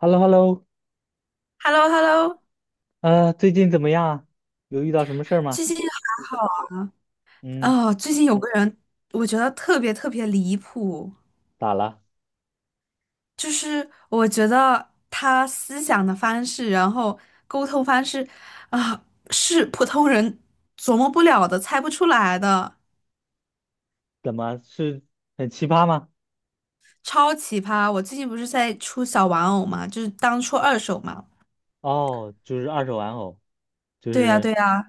h e l l o h e l l o h e l l o h e l l o 最近怎么样啊？有遇到什么事儿吗？最近还好嗯，哦。最近有个人，我觉得特别特别离谱，咋了？就是我觉得他思想的方式，然后沟通方式啊，是普通人琢磨不了的，猜不出来的，怎么是很奇葩吗？超奇葩。我最近不是在出小玩偶嘛，就是当出二手嘛。哦，就是二手玩偶，就对呀，是对呀。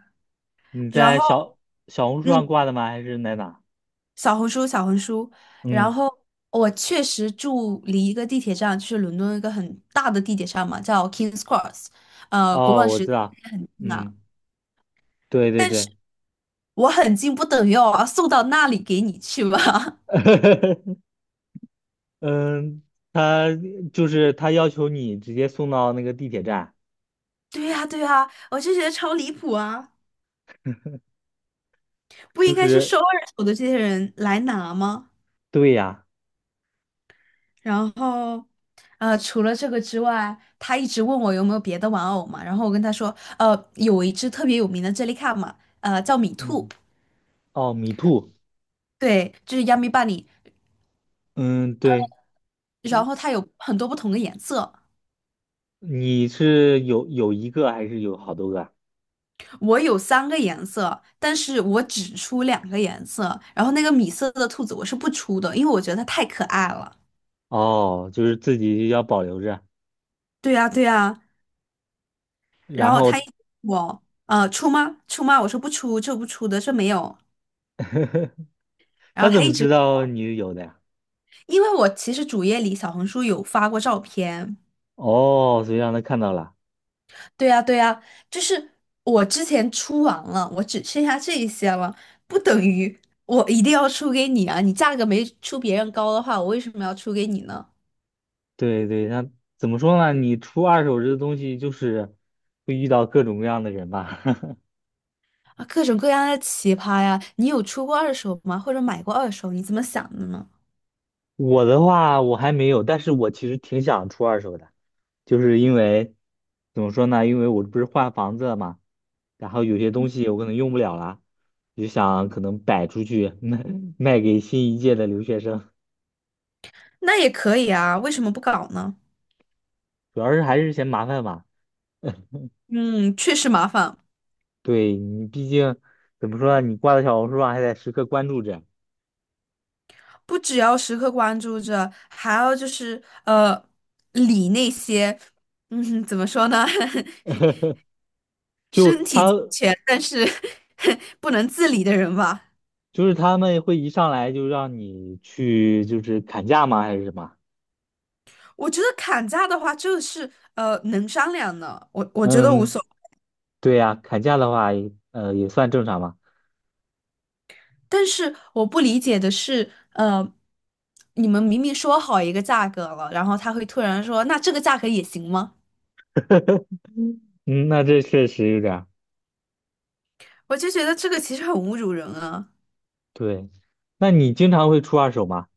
你然在后，小小红书上嗯，挂的吗？还是在哪？小红书，小红书。然嗯，后我确实住离一个地铁站，就是伦敦一个很大的地铁站嘛，叫 King's Cross，国哦，王我十知字道，也很近啊。嗯，对对但是对，我很近，不等于我要送到那里给你去吧？嗯，他就是他要求你直接送到那个地铁站，对呀，对呀，我就觉得超离谱啊！不就应该是是收二手的这些人来拿吗？对呀，然后，除了这个之外，他一直问我有没有别的玩偶嘛，然后我跟他说，有一只特别有名的 Jellycat 嘛，叫米兔，嗯，哦，米兔，对，就是 Yummy Bunny，嗯，对，然后它有很多不同的颜色，你是有一个还是有好多个啊？我有3个颜色，但是我只出2个颜色，然后那个米色的兔子我是不出的，因为我觉得它太可爱了。哦，就是自己要保留着，对呀，对呀，然然后后他一直我出吗？出吗？我说不出，这不出的，这没有。然他后怎他一么知直，道你有的呀？因为我其实主页里小红书有发过照片，哦，所以让他看到了。对呀，对呀，就是我之前出完了，我只剩下这一些了，不等于我一定要出给你啊！你价格没出别人高的话，我为什么要出给你呢？对对，那怎么说呢？你出二手这个东西，就是会遇到各种各样的人吧。啊，各种各样的奇葩呀！你有出过二手吗？或者买过二手？你怎么想的呢？我的话，我还没有，但是我其实挺想出二手的，就是因为怎么说呢？因为我不是换房子了嘛，然后有些东西我可能用不了了，就想可能摆出去卖给新一届的留学生，那也可以啊，为什么不搞呢？主要是还是嫌麻烦吧。嗯，确实麻烦，对你毕竟怎么说呢，你挂在小红书上还得时刻关注着，不只要时刻关注着，还要就是理那些，怎么说呢？就身体他健全，但是 不能自理的人吧。就是他们会一上来就让你去就是砍价吗？还是什么？我觉得砍价的话，就是能商量的，我觉得无所嗯，谓。对呀、砍价的话，呃，也算正常嘛。但是我不理解的是，你们明明说好一个价格了，然后他会突然说，那这个价格也行吗？嗯，嗯那这确实有点儿我就觉得这个其实很侮辱人啊。对。那你经常会出二手吗？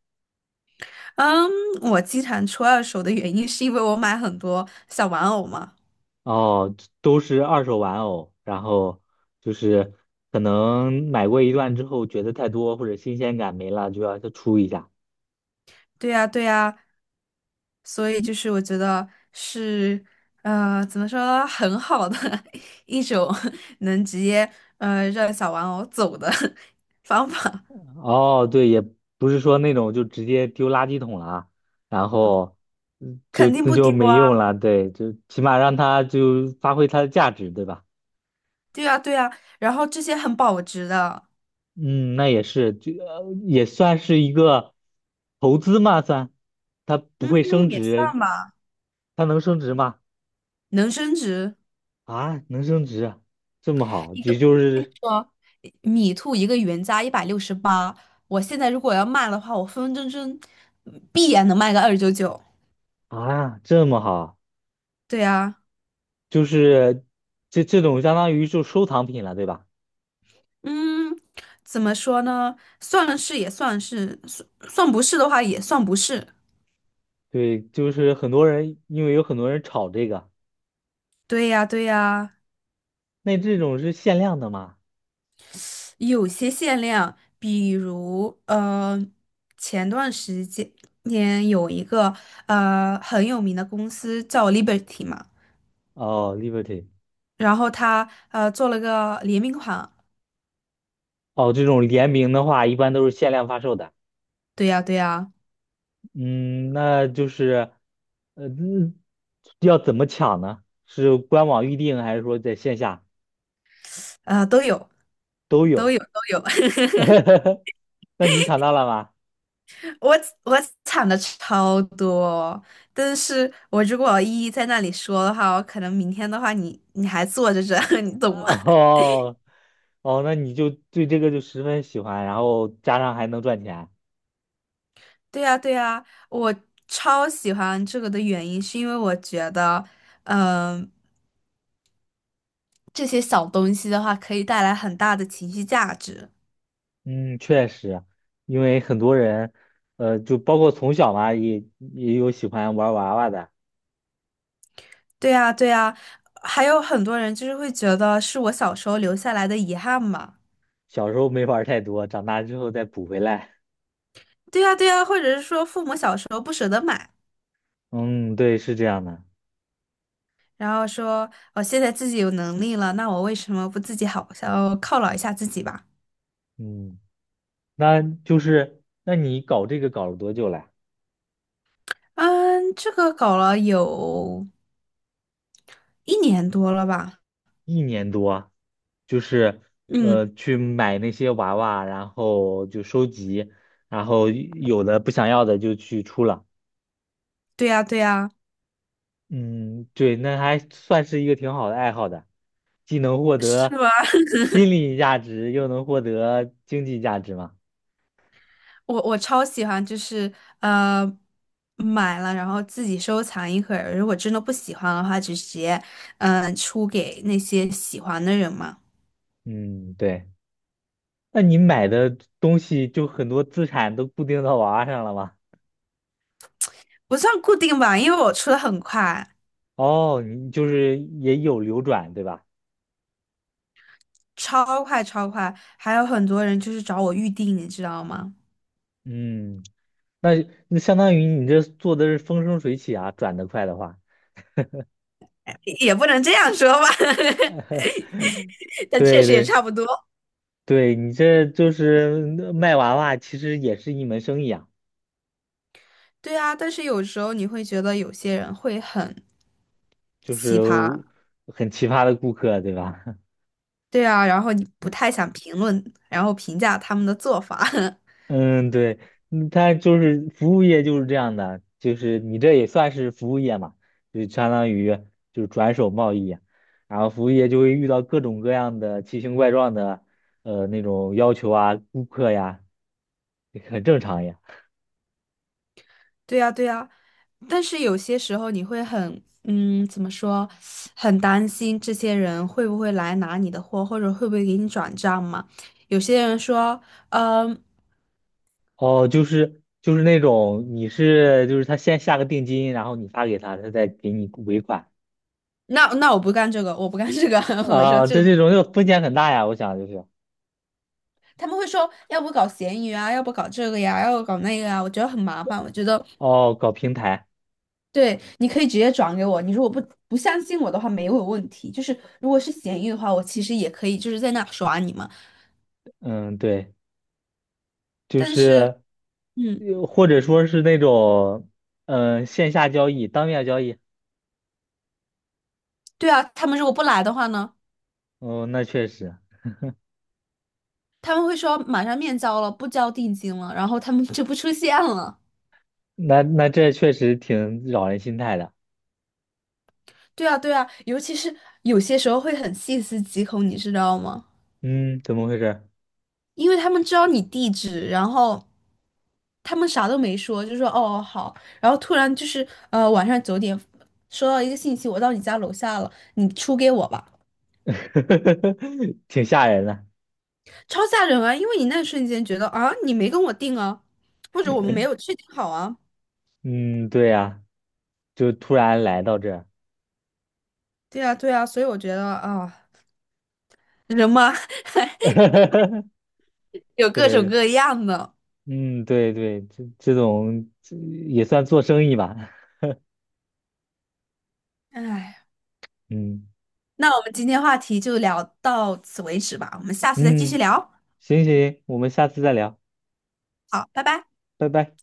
嗯，我经常出二手的原因是因为我买很多小玩偶嘛。哦，都是二手玩偶，然后就是可能买过一段之后觉得太多或者新鲜感没了，就要再出一下。对呀，对呀，所以就是我觉得是怎么说，很好的 一种能直接让小玩偶走的 方法，哦，对，也不是说那种就直接丢垃圾桶了，然后嗯就肯定那不就丢没用啊，了，对，就起码让它就发挥它的价值，对吧？对啊对啊，然后这些很保值的，嗯，那也是，也算是一个投资嘛，算，它不嗯，会升也值，算吧，它能升值吗？能升值啊，能升值啊这么好，一个，也就我跟你是说，米兔一个原价168，我现在如果要卖的话，我分分钟钟必然能卖个299，啊，这么好，对啊。就是这种相当于就收藏品了，对吧？嗯，怎么说呢？算是也算是，算算不是的话也算不是。对，就是很多人，因为有很多人炒这个。对呀，对呀，那这种是限量的吗？有些限量，比如前段时间年有一个很有名的公司叫 Liberty 嘛，哦，Liberty，然后他做了个联名款。哦，这种联名的话，一般都是限量发售的。对呀，对呀，嗯，那就是，呃，嗯要怎么抢呢？是官网预定，还是说在线下都有，都都有？有，都有。那你抢到了吗？我我抢的超多，但是我如果一一在那里说的话，我可能明天的话你还坐着这，你懂吗？哦，哦，那你就对这个就十分喜欢，然后加上还能赚钱。对呀，对呀，我超喜欢这个的原因是因为我觉得，嗯、这些小东西的话可以带来很大的情绪价值。嗯，确实，因为很多人，就包括从小嘛，也有喜欢玩娃娃的。对呀，对呀，还有很多人就是会觉得是我小时候留下来的遗憾嘛。小时候没玩儿太多，长大之后再补回来。对呀，对呀，或者是说父母小时候不舍得买。嗯，对，是这样的。然后说我现在自己有能力了，那我为什么不自己好好犒劳一下自己吧？嗯，那就是，那你搞这个搞了多久了？嗯，这个搞了有1年多了吧？一年多，就是嗯，去买那些娃娃，然后就收集，然后有的不想要的就去出了。对呀，对呀，嗯，对，那还算是一个挺好的爱好的，既能获是得吗？心理价值，又能获得经济价值嘛。我超喜欢，就是呃买了，然后自己收藏一会儿，如果真的不喜欢的话，就直接出给那些喜欢的人嘛。嗯，对。那你买的东西就很多资产都固定到娃娃上了吗？不算固定吧，因为我出的很快，哦，你就是也有流转，对吧？超快超快，还有很多人就是找我预定，你知道吗？嗯，那那相当于你这做的是风生水起啊，转得快的话，也不能这样说吧，但确对实也对差不多。对，你这就是卖娃娃，其实也是一门生意啊，对啊，但是有时候你会觉得有些人会很就奇是葩，很奇葩的顾客，对吧？对啊，然后你不太想评论，然后评价他们的做法。嗯，对，嗯它就是服务业就是这样的，就是你这也算是服务业嘛，就相当于就是转手贸易，然后服务业就会遇到各种各样的奇形怪状的那种要求啊，顾客呀，也很正常呀。对啊，对啊，但是有些时候你会很，怎么说，很担心这些人会不会来拿你的货，或者会不会给你转账嘛？有些人说，嗯、哦，就是就是那种你是就是他先下个定金，然后你发给他，他再给你尾款那我不干这个，我不干这个，我说啊，这这个这种就风险很大呀，我想就是他们会说，要不搞闲鱼啊，要不搞这个呀，要不搞那个啊，我觉得很麻烦。我觉得，哦，搞平台，对，你可以直接转给我。你如果不相信我的话，没有问题。就是如果是闲鱼的话，我其实也可以就是在那耍你嘛。嗯，对。就但是，是，嗯，又或者说是那种，线下交易、当面交易。对啊，他们如果不来的话呢，哦，那确实，他们会说马上面交了，不交定金了，然后他们就不出现了。那那这确实挺扰人心态的。对啊，对啊，尤其是有些时候会很细思极恐，你知道吗？嗯，怎么回事？因为他们知道你地址，然后他们啥都没说，就说哦好，然后突然就是晚上9点收到一个信息，我到你家楼下了，你出给我吧，挺吓人的。超吓人啊！因为你那瞬间觉得啊你没跟我定啊，或者我们没有确定好啊，嗯，对呀、就突然来到这儿。对啊对啊，所以我觉得啊人嘛 有各种对，各样的，嗯，对对，这种这也算做生意吧。唉，嗯那我们今天话题就聊到此为止吧，我们下次再继续嗯，聊，行行，我们下次再聊，好，拜拜。拜拜。